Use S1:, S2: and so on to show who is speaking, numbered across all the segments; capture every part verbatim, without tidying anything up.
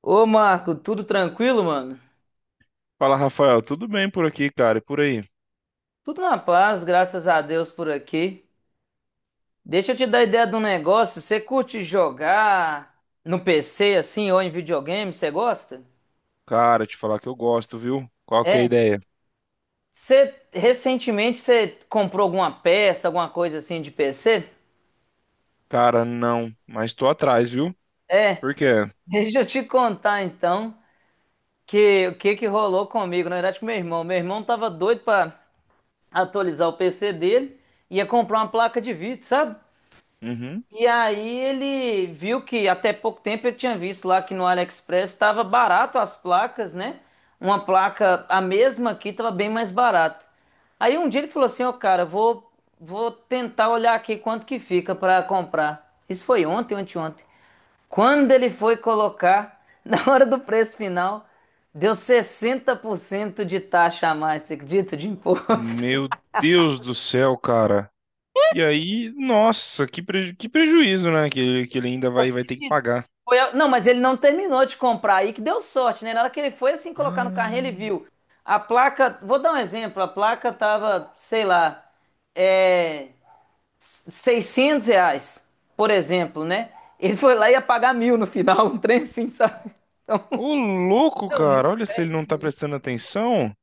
S1: Ô Marco, tudo tranquilo, mano?
S2: Fala, Rafael, tudo bem por aqui, cara? E por aí?
S1: Tudo na paz, graças a Deus por aqui. Deixa eu te dar ideia de um negócio. Você curte jogar no P C assim ou em videogame? Você gosta?
S2: Cara, te falar que eu gosto, viu? Qual que é a
S1: É.
S2: ideia?
S1: Você recentemente você comprou alguma peça, alguma coisa assim de P C?
S2: Cara, não, mas tô atrás, viu? Por quê?
S1: Deixa eu te contar então que o que que rolou comigo, na verdade com meu irmão. Meu irmão tava doido pra atualizar o P C dele, ia comprar uma placa de vídeo, sabe?
S2: Uhum.
S1: E aí ele viu que até pouco tempo ele tinha visto lá que no AliExpress estava barato as placas, né? Uma placa, a mesma aqui, estava bem mais barata. Aí um dia ele falou assim, ó, cara, vou, vou tentar olhar aqui quanto que fica para comprar. Isso foi ontem, anteontem. Quando ele foi colocar, na hora do preço final, deu sessenta por cento de taxa a mais, você acredita? De imposto.
S2: Meu Deus do céu, cara. E aí, nossa, que, preju- que prejuízo, né? Que, ele- que ele ainda
S1: Eu
S2: vai, vai
S1: sei
S2: ter que
S1: que
S2: pagar.
S1: foi a- não, mas ele não terminou de comprar aí, que deu sorte, né? Na hora que ele foi assim colocar no carrinho,
S2: Ah,
S1: ele viu. A placa, vou dar um exemplo, a placa tava, sei lá, é, seiscentos reais, por exemplo, né? Ele foi lá e ia pagar mil no final, um trem assim, sabe? Então,
S2: ô louco,
S1: não,
S2: cara,
S1: muito-
S2: olha se
S1: é
S2: ele não
S1: isso
S2: tá
S1: mesmo.
S2: prestando atenção.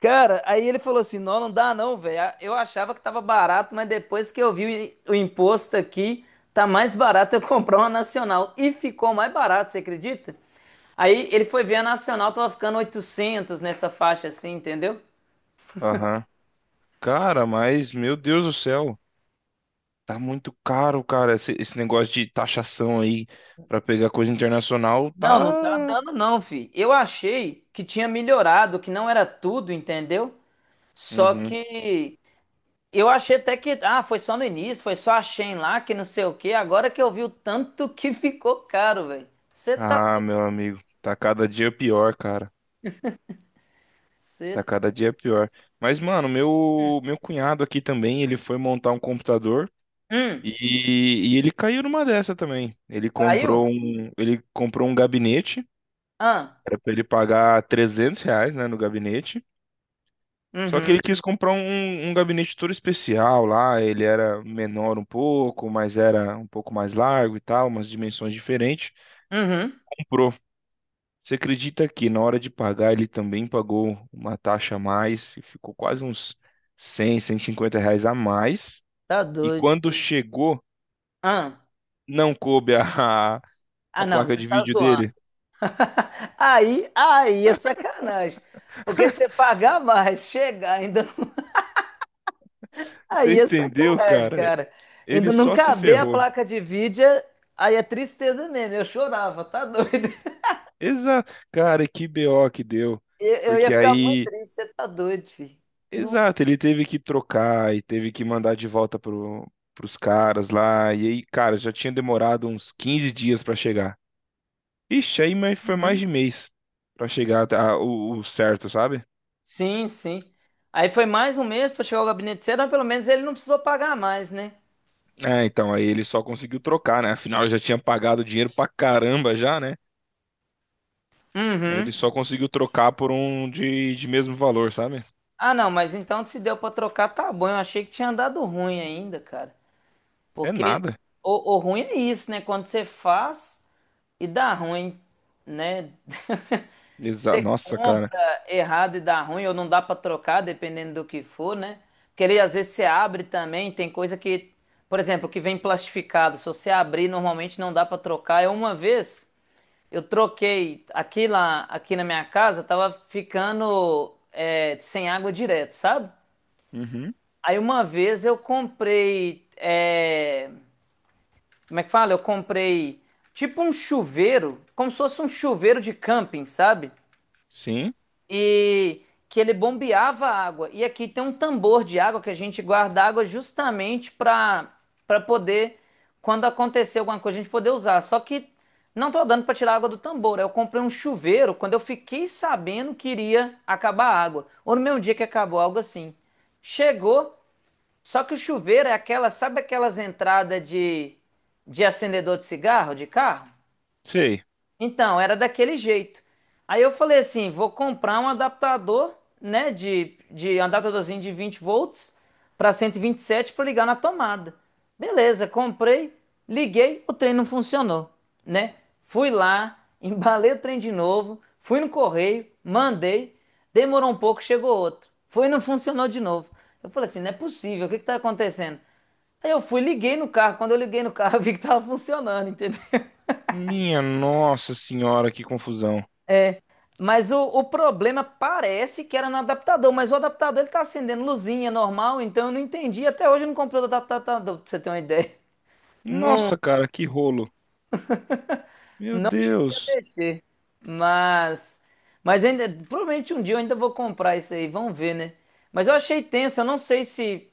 S1: Cara, aí ele falou assim: não, não dá não, velho. Ah, eu achava que tava barato, mas depois que eu vi o imposto aqui, tá mais barato eu comprar uma nacional. E ficou mais barato, você acredita? Aí ele foi ver a nacional, tava ficando oitocentos nessa faixa assim, entendeu?
S2: Aham. Cara, mas, meu Deus do céu, tá muito caro, cara, esse, esse negócio de taxação aí pra pegar coisa internacional,
S1: Não, não tá
S2: tá.
S1: dando não, fi. Eu achei que tinha melhorado, que não era tudo, entendeu? Só
S2: Uhum.
S1: que eu achei até que, ah, foi só no início, foi só a Shein lá, que não sei o quê. Agora que eu vi o tanto que ficou caro, velho. Você tá
S2: Ah, meu amigo, tá cada dia pior, cara.
S1: Você
S2: Tá
S1: tá...
S2: cada dia pior. Mas, mano, meu meu cunhado aqui também, ele foi montar um computador
S1: Hum,
S2: e, e ele caiu numa dessa também. Ele
S1: caiu?
S2: comprou um, ele comprou um gabinete,
S1: Ah,
S2: era pra ele pagar trezentos reais, né, no gabinete. Só que
S1: uhum,
S2: ele quis comprar um, um gabinete todo especial lá, ele era menor um pouco, mas era um pouco mais largo e tal, umas dimensões diferentes.
S1: uhum.
S2: Comprou. Você acredita que na hora de pagar ele também pagou uma taxa a mais e ficou quase uns cem, cento e cinquenta reais a mais?
S1: Tá
S2: E
S1: doido.
S2: quando chegou,
S1: Ah,
S2: não coube a, a
S1: ah,
S2: a
S1: não,
S2: placa
S1: você
S2: de
S1: tá
S2: vídeo
S1: zoando.
S2: dele?
S1: Aí, aí é sacanagem. Porque você pagar mais, chegar ainda. não-
S2: Você
S1: Aí é
S2: entendeu,
S1: sacanagem,
S2: cara?
S1: cara.
S2: Ele
S1: Ainda não
S2: só se
S1: caber a
S2: ferrou.
S1: placa de vídeo, é- aí é tristeza mesmo. Eu chorava, tá doido.
S2: Exato. Cara, que B O que deu.
S1: Eu, eu ia
S2: Porque
S1: ficar muito
S2: aí,
S1: triste, você tá doido, filho. Não.
S2: exato, ele teve que trocar e teve que mandar de volta pro, pros caras lá. E aí, cara, já tinha demorado uns quinze dias pra chegar. Ixi, aí mas foi mais
S1: Uhum.
S2: de mês pra chegar até a- o, o certo, sabe?
S1: Sim, sim. Aí foi mais um mês pra chegar ao gabinete cedo, mas pelo menos ele não precisou pagar mais, né?
S2: É, então, aí ele só conseguiu trocar, né? Afinal, eu já tinha pagado dinheiro pra caramba já, né? Aí
S1: Uhum.
S2: ele só conseguiu trocar por um de, de mesmo valor, sabe?
S1: Ah, não, mas então se deu pra trocar, tá bom. Eu achei que tinha dado ruim ainda, cara.
S2: É
S1: Porque
S2: nada.
S1: o, o ruim é isso, né? Quando você faz e dá ruim, né?
S2: Exa Nossa, cara.
S1: Compra errado e dá ruim, ou não dá pra trocar, dependendo do que for, né? Porque ele, às vezes você abre também, tem coisa que, por exemplo, que vem plastificado. Se você abrir, normalmente não dá pra trocar. Eu uma vez eu troquei aqui lá, aqui na minha casa, tava ficando é, sem água direto, sabe?
S2: Uhum,
S1: Aí uma vez eu comprei, é, como é que fala? Eu comprei tipo um chuveiro, como se fosse um chuveiro de camping, sabe?
S2: sim,
S1: E que ele bombeava a água. E aqui tem um tambor de água que a gente guarda água justamente para para poder quando acontecer alguma coisa a gente poder usar. Só que não tô dando para tirar a água do tambor. Aí eu comprei um chuveiro quando eu fiquei sabendo que iria acabar a água. Ou no mesmo dia que acabou algo assim. Chegou, só que o chuveiro é aquela, sabe aquelas entradas de, de acendedor de cigarro, de carro?
S2: sei.
S1: Então, era daquele jeito. Aí eu falei assim, vou comprar um adaptador, né, de, de um adaptadorzinho de vinte volts para cento e e vinte e sete para ligar na tomada. Beleza, comprei, liguei, o trem não funcionou, né? Fui lá, embalei o trem de novo, fui no correio, mandei, demorou um pouco, chegou outro. Foi e não funcionou de novo. Eu falei assim, não é possível, o que está acontecendo? Aí eu fui, liguei no carro. Quando eu liguei no carro, eu vi que tava funcionando, entendeu?
S2: Minha nossa senhora, que confusão.
S1: Mas o, o problema parece que era no adaptador, mas o adaptador ele tá acendendo luzinha normal, então eu não entendi. Até hoje eu não comprei o adaptador, pra você ter uma ideia. Não,
S2: Nossa, cara, que rolo. Meu
S1: não já
S2: Deus.
S1: deixei. Mas, mas ainda, provavelmente um dia eu ainda vou comprar isso aí, vamos ver, né? Mas eu achei tenso, eu não sei se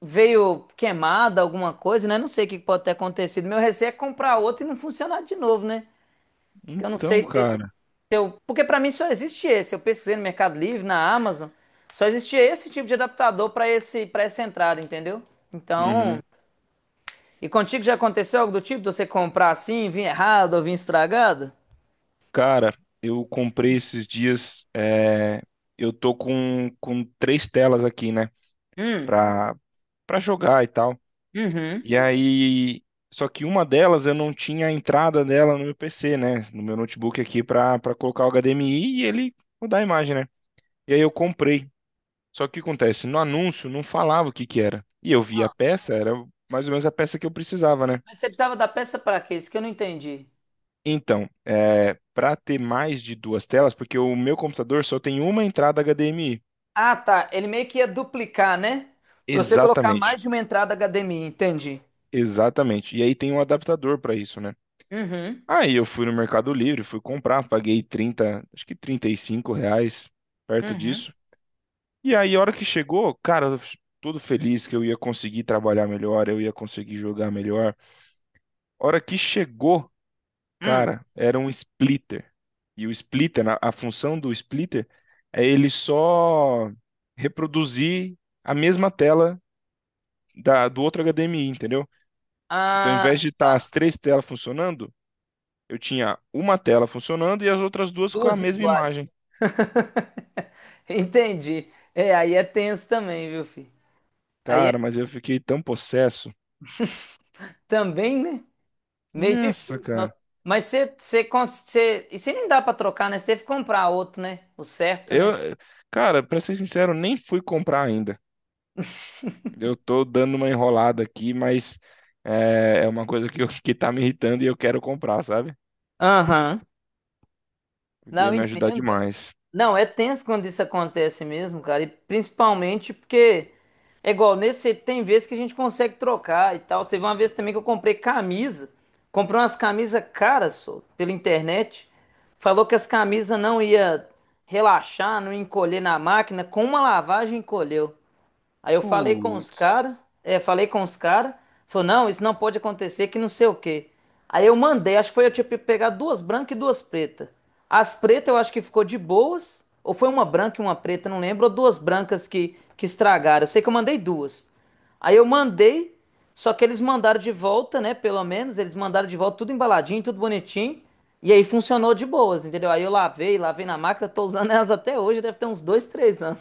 S1: veio queimada, alguma coisa, né? Não sei o que pode ter acontecido. Meu receio é comprar outro e não funcionar de novo, né? Porque eu não
S2: Então,
S1: sei se
S2: cara.
S1: Eu- porque para mim só existe esse. Eu pesquisei no Mercado Livre, na Amazon, só existia esse tipo de adaptador para esse para essa entrada, entendeu? Então,
S2: Uhum.
S1: e contigo já aconteceu algo do tipo de você comprar assim, vir errado ou vir estragado?
S2: Cara, eu comprei esses dias. É, eu tô com, com três telas aqui, né?
S1: Hum,
S2: Pra, Pra jogar e tal.
S1: uhum.
S2: E aí. Só que uma delas eu não tinha a entrada dela no meu P C, né? No meu notebook aqui pra, pra colocar o H D M I e ele mudar a imagem, né? E aí eu comprei. Só que o que acontece? No anúncio não falava o que que era. E eu vi a peça, era mais ou menos a peça que eu precisava, né?
S1: Mas você precisava da peça para quê? Isso que eu não entendi.
S2: Então, é, para ter mais de duas telas, porque o meu computador só tem uma entrada H D M I.
S1: Ah, tá. Ele meio que ia duplicar, né? Pra você colocar mais
S2: Exatamente,
S1: de uma entrada H D M I, entendi.
S2: exatamente. E aí tem um adaptador para isso, né?
S1: Uhum,
S2: Aí eu fui no Mercado Livre, fui comprar, paguei trinta, acho que trinta e cinco reais, perto
S1: uhum.
S2: disso. E aí, a hora que chegou, cara, eu f- todo feliz que eu ia conseguir trabalhar melhor, eu ia conseguir jogar melhor. A hora que chegou,
S1: Hum.
S2: cara, era um splitter. E o splitter, na- a função do splitter é ele só reproduzir a mesma tela da, do outro H D M I, entendeu? Então, ao invés
S1: Ah,
S2: de estar as três telas funcionando, eu tinha uma tela funcionando e as outras duas com a
S1: duas
S2: mesma
S1: iguais.
S2: imagem.
S1: Entendi. É, aí é tenso também, viu, filho? Aí é
S2: Cara, mas eu fiquei tão possesso.
S1: também, né? Meio
S2: Nossa,
S1: difícil, nossa.
S2: cara.
S1: Mas você, você, cons- você, e você nem dá pra trocar, né? Você teve que comprar outro, né? O certo, né?
S2: Eu, cara, pra ser sincero, nem fui comprar ainda. Eu tô dando uma enrolada aqui, mas é, é uma coisa que, eu- que tá me irritando e eu quero comprar, sabe?
S1: Aham.
S2: Porque
S1: Não,
S2: ia
S1: eu
S2: me ajudar
S1: entendo.
S2: demais.
S1: Não, é tenso quando isso acontece mesmo, cara. E principalmente porque é igual nesse, tem vezes que a gente consegue trocar e tal. Teve uma vez também que eu comprei camisa, comprei umas camisas caras, só, pela internet. Falou que as camisas não ia relaxar, não ia encolher na máquina, com uma lavagem encolheu. Aí eu falei com os
S2: Putz.
S1: caras, é, falei com os caras, falou, não, isso não pode acontecer, que não sei o quê. Aí eu mandei, acho que foi eu tinha pe- pegado duas brancas e duas pretas. As pretas eu acho que ficou de boas, ou foi uma branca e uma preta, não lembro, ou duas brancas que, que estragaram. Eu sei que eu mandei duas. Aí eu mandei, só que eles mandaram de volta, né? Pelo menos, eles mandaram de volta tudo embaladinho, tudo bonitinho. E aí funcionou de boas, entendeu? Aí eu lavei, lavei na máquina, tô usando elas até hoje, deve ter uns dois, três anos.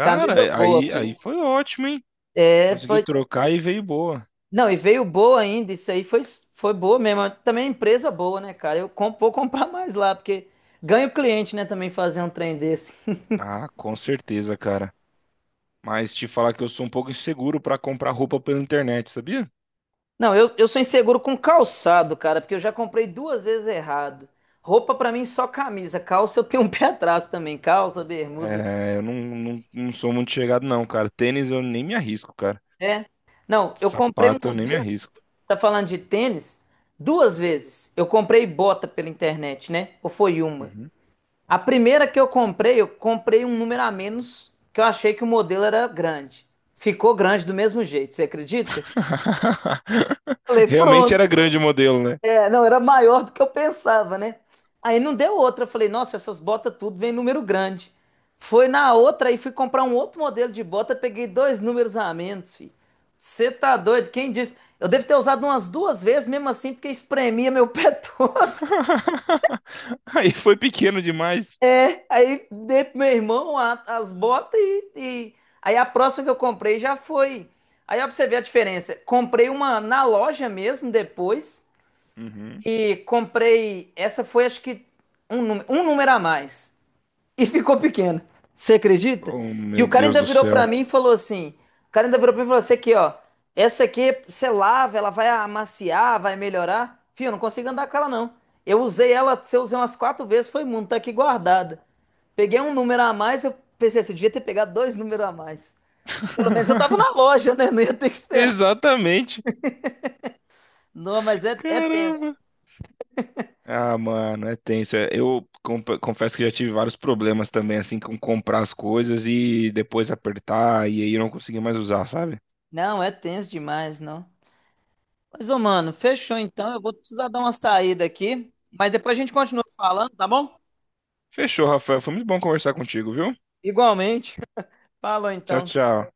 S1: Camisa boa,
S2: aí,
S1: filho.
S2: aí foi ótimo, hein?
S1: É,
S2: Conseguiu
S1: foi.
S2: trocar e veio boa.
S1: Não, e veio boa ainda, isso aí foi, foi boa mesmo. Também é empresa boa, né, cara? Eu com- vou comprar mais lá, porque ganho cliente, né, também fazer um trem desse.
S2: Ah, com certeza, cara. Mas te falar que eu sou um pouco inseguro para comprar roupa pela internet, sabia?
S1: Não, eu, eu sou inseguro com calçado, cara, porque eu já comprei duas vezes errado. Roupa pra mim só camisa, calça eu tenho um pé atrás também, calça, bermudas.
S2: É, eu não, não, não sou muito chegado, não, cara. Tênis eu nem me arrisco, cara.
S1: É. Não, eu comprei
S2: Sapato eu
S1: uma
S2: nem me
S1: vez,
S2: arrisco.
S1: você tá falando de tênis? Duas vezes. Eu comprei bota pela internet, né? Ou foi uma?
S2: Uhum.
S1: A primeira que eu comprei, eu comprei um número a menos, que eu achei que o modelo era grande. Ficou grande do mesmo jeito, você acredita? Falei,
S2: Realmente
S1: pronto.
S2: era grande o modelo, né?
S1: É, não, era maior do que eu pensava, né? Aí não deu outra. Eu falei, nossa, essas botas tudo vem número grande. Foi na outra e fui comprar um outro modelo de bota, peguei dois números a menos, filho. Você tá doido? Quem disse? Eu devo ter usado umas duas vezes, mesmo assim, porque espremia meu pé todo.
S2: Aí foi pequeno demais.
S1: É, aí dei pro meu irmão a- as botas e, e- Aí a próxima que eu comprei já foi. Aí ó, pra você ver a diferença. Comprei uma na loja mesmo depois.
S2: Uhum.
S1: E comprei. Essa foi acho que um, nú- um número a mais e ficou pequeno. Você acredita?
S2: Oh,
S1: E o
S2: meu
S1: cara
S2: Deus
S1: ainda
S2: do
S1: virou pra
S2: céu.
S1: mim e falou assim: o cara ainda virou pra mim e falou assim: aqui, ó, essa aqui você lava, ela vai amaciar, vai melhorar. Fio, eu não consigo andar com ela, não. Eu usei ela, se eu usei umas quatro vezes, foi muito, tá aqui guardada. Peguei um número a mais, eu pensei assim, eu devia ter pegado dois números a mais. Pelo menos eu tava na loja, né? Não ia ter que esperar.
S2: Exatamente.
S1: Não, mas é, é tenso.
S2: Caramba! Ah, mano, é tenso. É, Eu comp- confesso que já tive vários problemas também, assim, com comprar as coisas e depois apertar e aí eu não consegui mais usar, sabe?
S1: Não, é tenso demais, não. Mas, ô, mano, fechou então. Eu vou precisar dar uma saída aqui. Mas depois a gente continua falando, tá bom?
S2: Fechou, Rafael. Foi muito bom conversar contigo, viu?
S1: Igualmente. Falou
S2: Tchau,
S1: então.
S2: tchau.